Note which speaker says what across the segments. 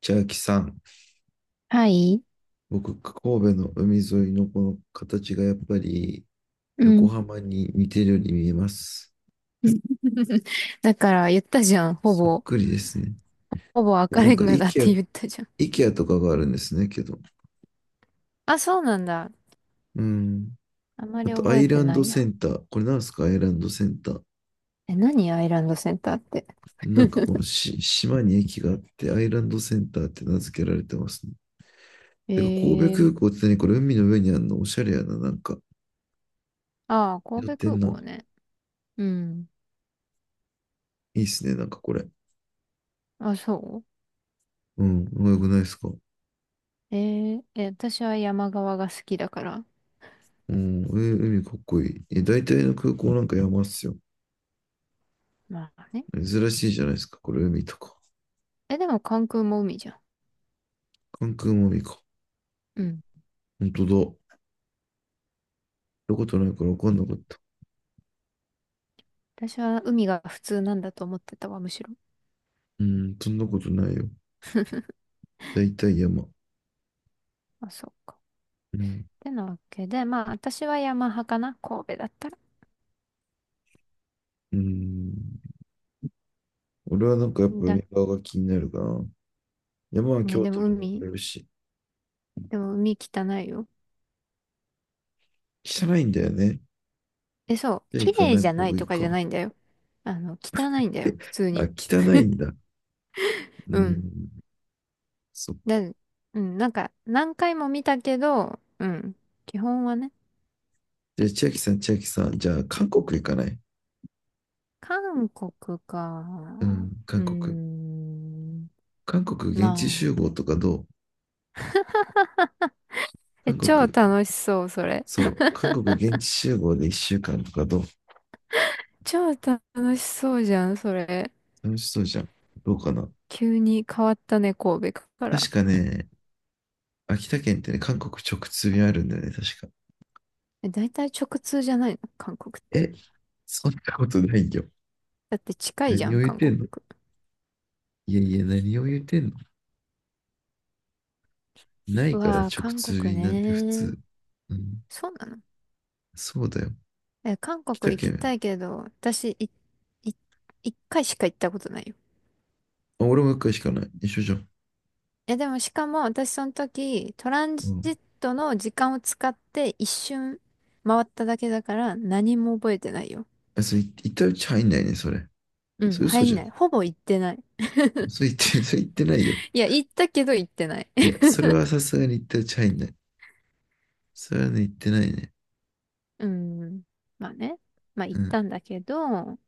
Speaker 1: 千秋さん、
Speaker 2: はい。
Speaker 1: 僕、神戸の海沿いのこの形がやっぱり
Speaker 2: う
Speaker 1: 横
Speaker 2: ん。
Speaker 1: 浜に似てるように見えます。
Speaker 2: だから言ったじゃん。ほ
Speaker 1: そっ
Speaker 2: ぼ。
Speaker 1: くりですね。
Speaker 2: ほぼ
Speaker 1: で、
Speaker 2: 赤
Speaker 1: な
Speaker 2: レ
Speaker 1: んか、
Speaker 2: ンガ
Speaker 1: イ
Speaker 2: だっ
Speaker 1: ケア、
Speaker 2: て言ったじゃん。
Speaker 1: イケアとかがあるんですね、けど。
Speaker 2: あ、そうなんだ。
Speaker 1: うん。
Speaker 2: あま
Speaker 1: あ
Speaker 2: り
Speaker 1: と、ア
Speaker 2: 覚え
Speaker 1: イ
Speaker 2: て
Speaker 1: ラン
Speaker 2: な
Speaker 1: ド
Speaker 2: い
Speaker 1: セ
Speaker 2: や。
Speaker 1: ンター。これなんですか、アイランドセンター。
Speaker 2: え、何アイランドセンターって。
Speaker 1: なんかこの し島に駅があって、アイランドセンターって名付けられてますね。てか、神戸
Speaker 2: えー、
Speaker 1: 空港って何これ、海の上にあるのおしゃれやな、なんか。
Speaker 2: ああ、
Speaker 1: や
Speaker 2: 神
Speaker 1: ってん
Speaker 2: 戸空
Speaker 1: な。
Speaker 2: 港ね。うん。
Speaker 1: いいっすね、なんかこれ。
Speaker 2: あ、そ
Speaker 1: うん、うまくないですか？
Speaker 2: うえ、私は山側が好きだから。
Speaker 1: うん、海かっこいい。え、大体の空港なんか山っすよ。
Speaker 2: まあね。
Speaker 1: 珍しいじゃないですか。これ海とか。
Speaker 2: え、でも関空も海じゃん。
Speaker 1: 関空も海か。
Speaker 2: うん。
Speaker 1: ほんとだ。行ったことないから分かんなかった。
Speaker 2: 私は海が普通なんだと思ってたわ、むしろ。
Speaker 1: うん、そんなことないよ。大体山。
Speaker 2: あ、そうか。っ
Speaker 1: うん。
Speaker 2: てなわけで、まあ私は山派かな、神戸だったら。
Speaker 1: うん。俺はなんかやっぱ海側が気になるかな。山は
Speaker 2: ね、
Speaker 1: 京都で登れるし。
Speaker 2: でも海汚いよ。
Speaker 1: 汚いんだよね。
Speaker 2: え、そう、
Speaker 1: じゃあ
Speaker 2: 綺
Speaker 1: 行か
Speaker 2: 麗
Speaker 1: ない
Speaker 2: じゃ
Speaker 1: 方
Speaker 2: ない
Speaker 1: がい
Speaker 2: と
Speaker 1: い
Speaker 2: かじゃ
Speaker 1: か。
Speaker 2: ないんだよ。あの、汚いんだよ、
Speaker 1: え、
Speaker 2: 普通
Speaker 1: あ、
Speaker 2: に。
Speaker 1: 汚いんだ。う
Speaker 2: うん。
Speaker 1: ん。そう。
Speaker 2: うん、なんか、何回も見たけど、うん。基本はね、
Speaker 1: じゃあ千秋さん、千秋さん。じゃあ韓国行かない？
Speaker 2: 韓国
Speaker 1: う
Speaker 2: か。
Speaker 1: ん、
Speaker 2: う
Speaker 1: 韓
Speaker 2: ー
Speaker 1: 国。
Speaker 2: ん。
Speaker 1: 韓国現地
Speaker 2: ま
Speaker 1: 集合
Speaker 2: あ。
Speaker 1: とかどう？
Speaker 2: え、
Speaker 1: 韓
Speaker 2: 超
Speaker 1: 国、
Speaker 2: 楽しそう、それ。
Speaker 1: そう、韓国現地集合で1週間とかどう？
Speaker 2: 超楽しそうじゃん、それ。
Speaker 1: 楽しそうじゃん。どうかな？
Speaker 2: 急に変わったね、神戸から。
Speaker 1: 確かね、秋田県ってね、韓国直通便あるんだよね、確か。
Speaker 2: え、大体直通じゃないの韓国って。
Speaker 1: え、そんなことないよ。
Speaker 2: だって近いじゃ
Speaker 1: 何を
Speaker 2: ん、
Speaker 1: 言っ
Speaker 2: 韓
Speaker 1: て
Speaker 2: 国。
Speaker 1: んの？いやいや、何を言ってんの？ない
Speaker 2: う
Speaker 1: から
Speaker 2: わー、
Speaker 1: 直
Speaker 2: 韓
Speaker 1: 通
Speaker 2: 国
Speaker 1: 便なんて普
Speaker 2: ね。
Speaker 1: 通。うん、
Speaker 2: そうなの？
Speaker 1: そうだよ。
Speaker 2: え、韓
Speaker 1: 秋田
Speaker 2: 国行きた
Speaker 1: 県。
Speaker 2: いけど、私、い、一回しか行ったことないよ。
Speaker 1: あ、俺も一回しかない。一緒じゃん。
Speaker 2: え、でもしかも私その時、トラン
Speaker 1: う
Speaker 2: ジ
Speaker 1: ん。
Speaker 2: ットの時間を使って一瞬回っただけだから何も覚えてないよ。
Speaker 1: あ、それ、行ったうち入んないね、それ。
Speaker 2: うん、
Speaker 1: それ嘘
Speaker 2: 入
Speaker 1: じ
Speaker 2: ん
Speaker 1: ゃ
Speaker 2: な
Speaker 1: ん。
Speaker 2: い。ほぼ行ってない。
Speaker 1: それ言って、それ言ってないよ。
Speaker 2: いや、行ったけど行ってない。
Speaker 1: いや、それはさすがに行ったうち入んない。それはね、言ってないね。
Speaker 2: うん。まあね。まあ
Speaker 1: う
Speaker 2: 行っ
Speaker 1: ん。
Speaker 2: たんだけど、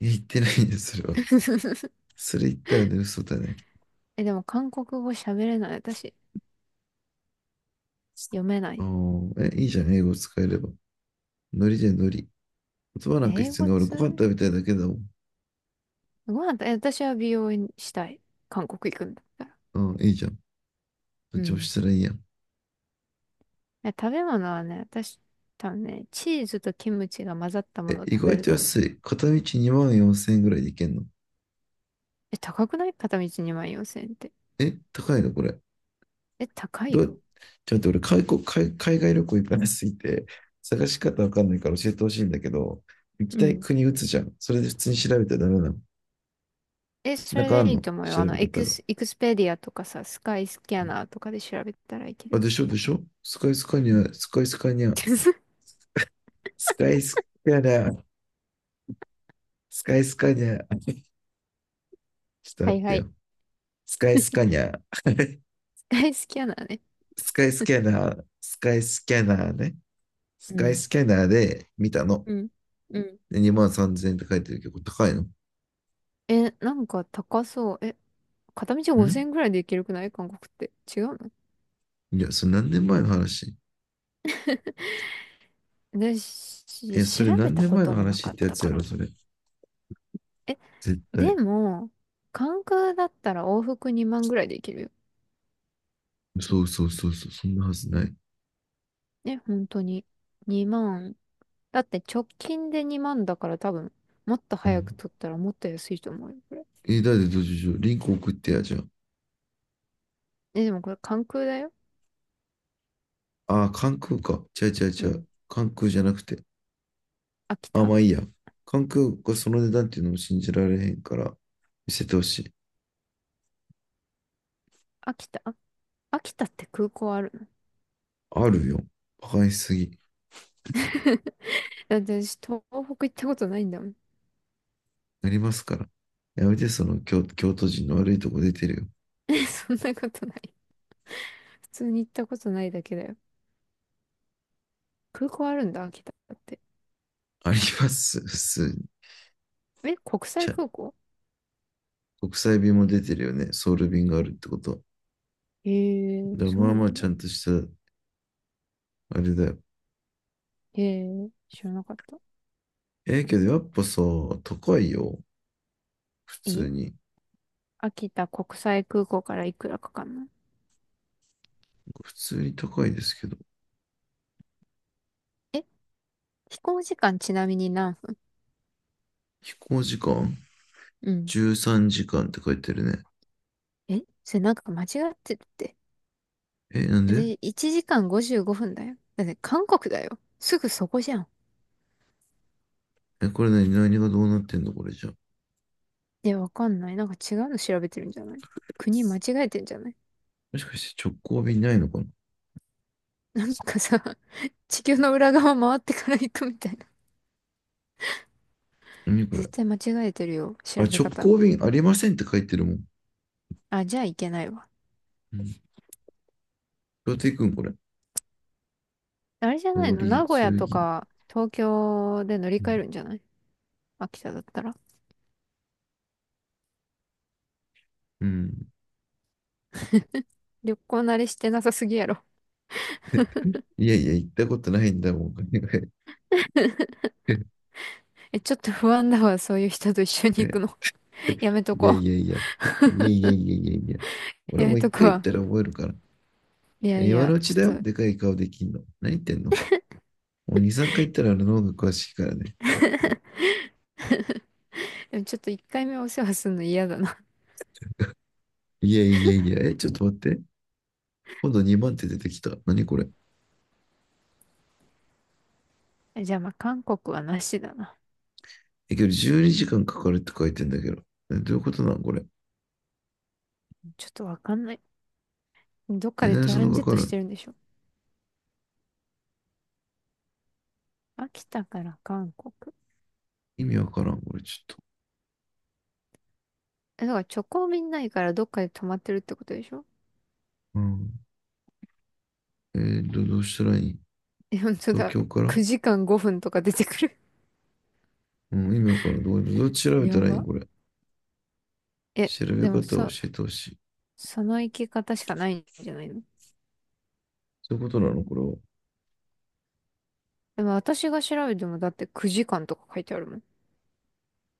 Speaker 1: 言ってないんです、それは。それ言ったらね、嘘だね。
Speaker 2: え、でも韓国語喋れない私。読めな
Speaker 1: あ
Speaker 2: い。
Speaker 1: ーえ、いいじゃん、英語使えれば。ノリじゃんノリ。言葉なんか
Speaker 2: 英
Speaker 1: 必要
Speaker 2: 語
Speaker 1: ない。俺、ご飯
Speaker 2: 通
Speaker 1: 食べたいだけだもん。
Speaker 2: ご飯と、え、私は美容院したい。韓国行くんだったら。
Speaker 1: うん、いいじゃん。ど
Speaker 2: う
Speaker 1: っちも
Speaker 2: ん。
Speaker 1: したらいいやん。
Speaker 2: え、食べ物はね、私、多分ね、チーズとキムチが混ざったも
Speaker 1: え、
Speaker 2: のを
Speaker 1: 意
Speaker 2: 食べ
Speaker 1: 外
Speaker 2: る
Speaker 1: と
Speaker 2: と、
Speaker 1: 安い。片道2万4000円ぐらいで行けんの？
Speaker 2: え、高くない片道2万4千円って。
Speaker 1: え、高いのこれ？
Speaker 2: え、高い
Speaker 1: ど
Speaker 2: よ。
Speaker 1: う、ちょっと俺海国、海、海外旅行行かなすぎて、探し方わかんないから教えてほしいんだけど、行き
Speaker 2: う
Speaker 1: たい
Speaker 2: ん。
Speaker 1: 国打つじゃん。それで普通に調べたらダメなの？
Speaker 2: え、そ
Speaker 1: なんかあ
Speaker 2: れで
Speaker 1: ん
Speaker 2: いい
Speaker 1: の、
Speaker 2: と思うよ。
Speaker 1: 調
Speaker 2: あ
Speaker 1: べ
Speaker 2: の、
Speaker 1: 方が。
Speaker 2: エクスペディアとかさ、スカイスキャナーとかで調べたらいけ
Speaker 1: あ、
Speaker 2: る。
Speaker 1: でしょでしょ、スカイスカニ
Speaker 2: うん。
Speaker 1: ア、スカイスカニア、スカイスキャナー、スカイスカニャー、ちょっと
Speaker 2: は
Speaker 1: 待っ
Speaker 2: い
Speaker 1: て
Speaker 2: は
Speaker 1: よ。
Speaker 2: い。
Speaker 1: スカイスカニャー、
Speaker 2: スカイスキャナーね。
Speaker 1: スカイスキャナー、スカイスキャナーね。ス
Speaker 2: う
Speaker 1: カイ
Speaker 2: ん。
Speaker 1: スキャナーで見たの。
Speaker 2: うん。うん。
Speaker 1: で、2万3千円って書いてるけど、高いのん？
Speaker 2: え、なんか高そう。え、片道5千円ぐらいで行けるくない韓国って。違うの？
Speaker 1: いや、それ何年前の話？
Speaker 2: で、
Speaker 1: え、それ
Speaker 2: 調べ
Speaker 1: 何
Speaker 2: た
Speaker 1: 年
Speaker 2: こ
Speaker 1: 前
Speaker 2: と
Speaker 1: の
Speaker 2: もな
Speaker 1: 話
Speaker 2: か
Speaker 1: っ
Speaker 2: っ
Speaker 1: てや
Speaker 2: た
Speaker 1: つ
Speaker 2: か
Speaker 1: やろ、
Speaker 2: ら
Speaker 1: そ
Speaker 2: な。
Speaker 1: れ。
Speaker 2: え、
Speaker 1: 絶
Speaker 2: で
Speaker 1: 対。
Speaker 2: も、関空だったら往復2万ぐらいでいけるよ。
Speaker 1: そうそうそうそう、そんなはずない。
Speaker 2: ね、本当に。2万。だって直近で2万だから多分、もっと
Speaker 1: う
Speaker 2: 早く
Speaker 1: ん。
Speaker 2: 取ったらもっと安いと思うよ、これ。
Speaker 1: え、だってどうしよう。リンク送ってや、じゃ
Speaker 2: え、でもこれ関空だよ。
Speaker 1: あ。ああ、関空か。違う違う違
Speaker 2: う
Speaker 1: う。
Speaker 2: ん。
Speaker 1: 関空じゃなくて。
Speaker 2: 秋
Speaker 1: あ、
Speaker 2: 田。
Speaker 1: まあいいや。関空がその値段っていうのも信じられへんから、見せてほしい。
Speaker 2: 秋田秋田って空港あるの？
Speaker 1: あるよ。馬鹿にしすぎ。
Speaker 2: だって私、東北行ったことないんだもん。
Speaker 1: なりますから。やめて、その京都人の悪いとこ出てるよ。
Speaker 2: そんなことない。普通に行ったことないだけだよ。空港あるんだ、秋田って。
Speaker 1: あります、普通に。
Speaker 2: え、国
Speaker 1: ち
Speaker 2: 際
Speaker 1: ゃ、
Speaker 2: 空港？
Speaker 1: 国際便も出てるよね。ソウル便があるってことは。
Speaker 2: へ
Speaker 1: だ
Speaker 2: え、
Speaker 1: から
Speaker 2: そ
Speaker 1: まあ
Speaker 2: うな
Speaker 1: まあ
Speaker 2: ん
Speaker 1: ちゃ
Speaker 2: だ。
Speaker 1: んとした、あれだよ。
Speaker 2: へえ、知らなかった。
Speaker 1: ええけど、やっぱさ、高いよ。普
Speaker 2: え、
Speaker 1: 通に。
Speaker 2: 秋田国際空港からいくらかかんない？
Speaker 1: 普通に高いですけど。
Speaker 2: え、飛行時間ちなみに何分？
Speaker 1: 飛行時間
Speaker 2: うん。
Speaker 1: ?13 時間って書いてるね。
Speaker 2: え、それなんか間違ってるって。
Speaker 1: え、なんで？
Speaker 2: で、1時間55分だよ。だって韓国だよ。すぐそこじゃん。
Speaker 1: え、これ何がどうなってんのこれじゃ。
Speaker 2: え、わかんない。なんか違うの調べてるんじゃない？国間違えてんじゃない？
Speaker 1: もしかして直行便ないのかな？
Speaker 2: なんかさ、地球の裏側回ってから行くみたいな。
Speaker 1: 何こ
Speaker 2: 絶
Speaker 1: れ？
Speaker 2: 対間違えてるよ。
Speaker 1: あ、
Speaker 2: 調べ
Speaker 1: 直
Speaker 2: 方。
Speaker 1: 行便ありませんって書いてるもん。
Speaker 2: あ、じゃあいけないわ。
Speaker 1: うん、どうやって行くんこれ？
Speaker 2: あれじゃない
Speaker 1: 通
Speaker 2: の？
Speaker 1: り
Speaker 2: 名古
Speaker 1: 過
Speaker 2: 屋と
Speaker 1: ぎ。
Speaker 2: か東京で乗り
Speaker 1: う
Speaker 2: 換え
Speaker 1: ん。
Speaker 2: るんじゃない？秋田だったら。
Speaker 1: うん、
Speaker 2: 旅行慣れしてなさすぎやろ。
Speaker 1: いやいや、行ったことないんだもん。いや
Speaker 2: え、ちょっと不安だわ。そういう人と一緒に行くの。やめと
Speaker 1: いや
Speaker 2: こ
Speaker 1: いや。いやいやいやいやいや。
Speaker 2: う。
Speaker 1: 俺
Speaker 2: やめ
Speaker 1: も一
Speaker 2: とく
Speaker 1: 回行っ
Speaker 2: わ。
Speaker 1: たら覚えるから。
Speaker 2: いやい
Speaker 1: 今の
Speaker 2: や、
Speaker 1: う
Speaker 2: ち
Speaker 1: ちだよ。
Speaker 2: ょっと、
Speaker 1: でかい顔できんの。何言ってんの？もう2、3回行ったらあの脳が詳しいからね。
Speaker 2: でもちょっと一回目お世話するの嫌だな。
Speaker 1: いやいやいや。え、ちょっと待って。今度2番手出てきた。何これ。
Speaker 2: え、じゃあまあ韓国はなしだな。
Speaker 1: え、けど12時間かかるって書いてんだけど。どういうことなんこれ？
Speaker 2: ちょっとわかんない。どっ
Speaker 1: え、
Speaker 2: かで
Speaker 1: 何
Speaker 2: ト
Speaker 1: そ
Speaker 2: ラ
Speaker 1: の
Speaker 2: ン
Speaker 1: か
Speaker 2: ジッ
Speaker 1: か
Speaker 2: トし
Speaker 1: る？
Speaker 2: てるんでしょ？秋田から韓国。
Speaker 1: 意味わからん、これちょっと。
Speaker 2: え、だから直行便ないからどっかで泊まってるってことでしょ？
Speaker 1: うん。どうしたらいい？
Speaker 2: え、本当
Speaker 1: 東
Speaker 2: だ。
Speaker 1: 京から、
Speaker 2: 9時間5分とか出てくる。
Speaker 1: うん、意味わからん。どう調 べた
Speaker 2: や
Speaker 1: らいいん
Speaker 2: ば。
Speaker 1: これ？
Speaker 2: え、
Speaker 1: 調べ
Speaker 2: でも
Speaker 1: 方を教
Speaker 2: さ、
Speaker 1: えてほしい。
Speaker 2: その生き方しかないんじゃないの？
Speaker 1: そういうことなのこれは？
Speaker 2: でも私が調べてもだって9時間とか書いてあるもん。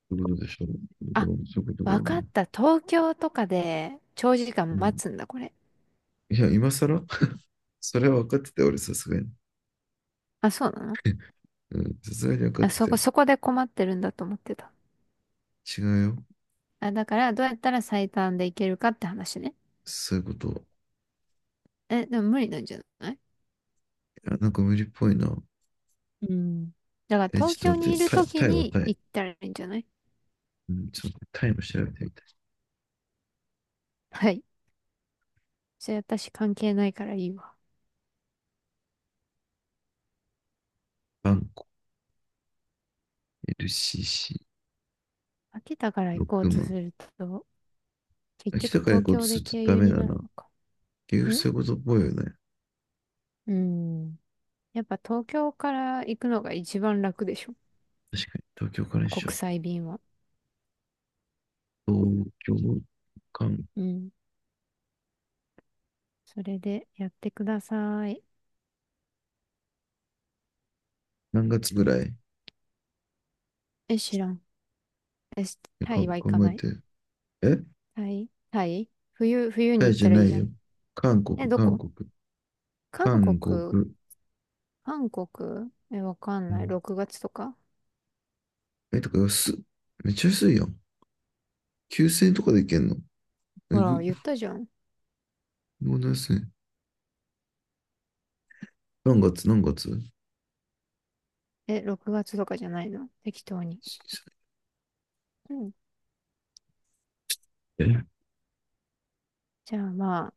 Speaker 1: そういうことでしょう。こ
Speaker 2: あ、
Speaker 1: れもそういうことだよ
Speaker 2: わか
Speaker 1: ね。
Speaker 2: った。東京とかで長時
Speaker 1: う
Speaker 2: 間
Speaker 1: ん。
Speaker 2: 待つんだ、これ。
Speaker 1: いや、今更 それは分かってたよ、俺、さすがに。
Speaker 2: あ、そうなの？
Speaker 1: うん、さすがに分かっ
Speaker 2: あ、
Speaker 1: てたよ。
Speaker 2: そこで困ってるんだと思ってた。
Speaker 1: 違うよ。
Speaker 2: あ、だからどうやったら最短で行けるかって話ね。
Speaker 1: そういうこと。
Speaker 2: え、でも無理なんじゃない？
Speaker 1: いや、なんか無理っぽいな。
Speaker 2: うん。だから
Speaker 1: え、
Speaker 2: 東
Speaker 1: ちょ
Speaker 2: 京
Speaker 1: っと待っ
Speaker 2: にい
Speaker 1: て、
Speaker 2: る
Speaker 1: タイ、
Speaker 2: 時
Speaker 1: タイは
Speaker 2: に
Speaker 1: タイ。
Speaker 2: 行ったらいいんじゃない？
Speaker 1: うん、ちょっと待ってタイも調べてみたい。
Speaker 2: はい。それ私関係ないからいいわ。
Speaker 1: バンコ、LCC、
Speaker 2: 秋田から行こう
Speaker 1: 6
Speaker 2: とす
Speaker 1: 万。
Speaker 2: ると、結
Speaker 1: 秋た
Speaker 2: 局
Speaker 1: から行
Speaker 2: 東
Speaker 1: こうと
Speaker 2: 京
Speaker 1: す
Speaker 2: で
Speaker 1: ると
Speaker 2: 経
Speaker 1: ダ
Speaker 2: 由
Speaker 1: メ
Speaker 2: に
Speaker 1: だ
Speaker 2: な
Speaker 1: な。
Speaker 2: るのか。
Speaker 1: 結局
Speaker 2: ん
Speaker 1: そういうことっぽいよね。
Speaker 2: うん。やっぱ東京から行くのが一番楽でしょ。
Speaker 1: 確かに、東京から一
Speaker 2: 国
Speaker 1: 緒。
Speaker 2: 際便は。
Speaker 1: 東京かん
Speaker 2: うん。それでやってください。
Speaker 1: 何月ぐらい？
Speaker 2: え、知らん。え、タ
Speaker 1: か
Speaker 2: イは行
Speaker 1: 考
Speaker 2: か
Speaker 1: え
Speaker 2: ない。
Speaker 1: て。え、
Speaker 2: タイ、冬に
Speaker 1: タイ
Speaker 2: 行っ
Speaker 1: じゃ
Speaker 2: たら
Speaker 1: な
Speaker 2: いいじ
Speaker 1: い
Speaker 2: ゃ
Speaker 1: よ。
Speaker 2: ん。
Speaker 1: 韓国、
Speaker 2: え、ど
Speaker 1: 韓
Speaker 2: こ？
Speaker 1: 国、
Speaker 2: 韓国、
Speaker 1: 韓国。
Speaker 2: 韓国。え、わかん
Speaker 1: う
Speaker 2: ない。
Speaker 1: ん、
Speaker 2: 6月とか？
Speaker 1: え、とか安っ。めっちゃ安いやん。9000円とかで行けんの？
Speaker 2: ほ
Speaker 1: え
Speaker 2: ら、
Speaker 1: ぐ、
Speaker 2: 言ったじゃん。
Speaker 1: もう何すね。何月、何月？
Speaker 2: え、6月とかじゃないの？適当に。うん。
Speaker 1: え。
Speaker 2: じゃあま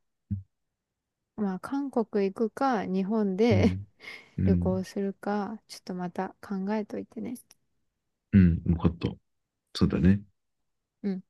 Speaker 2: あ、まあ、韓国行くか、日本
Speaker 1: う
Speaker 2: で
Speaker 1: ん。う
Speaker 2: 旅行
Speaker 1: ん。
Speaker 2: するか、ちょっとまた考えといてね。
Speaker 1: うん、分かった。そうだね。
Speaker 2: うん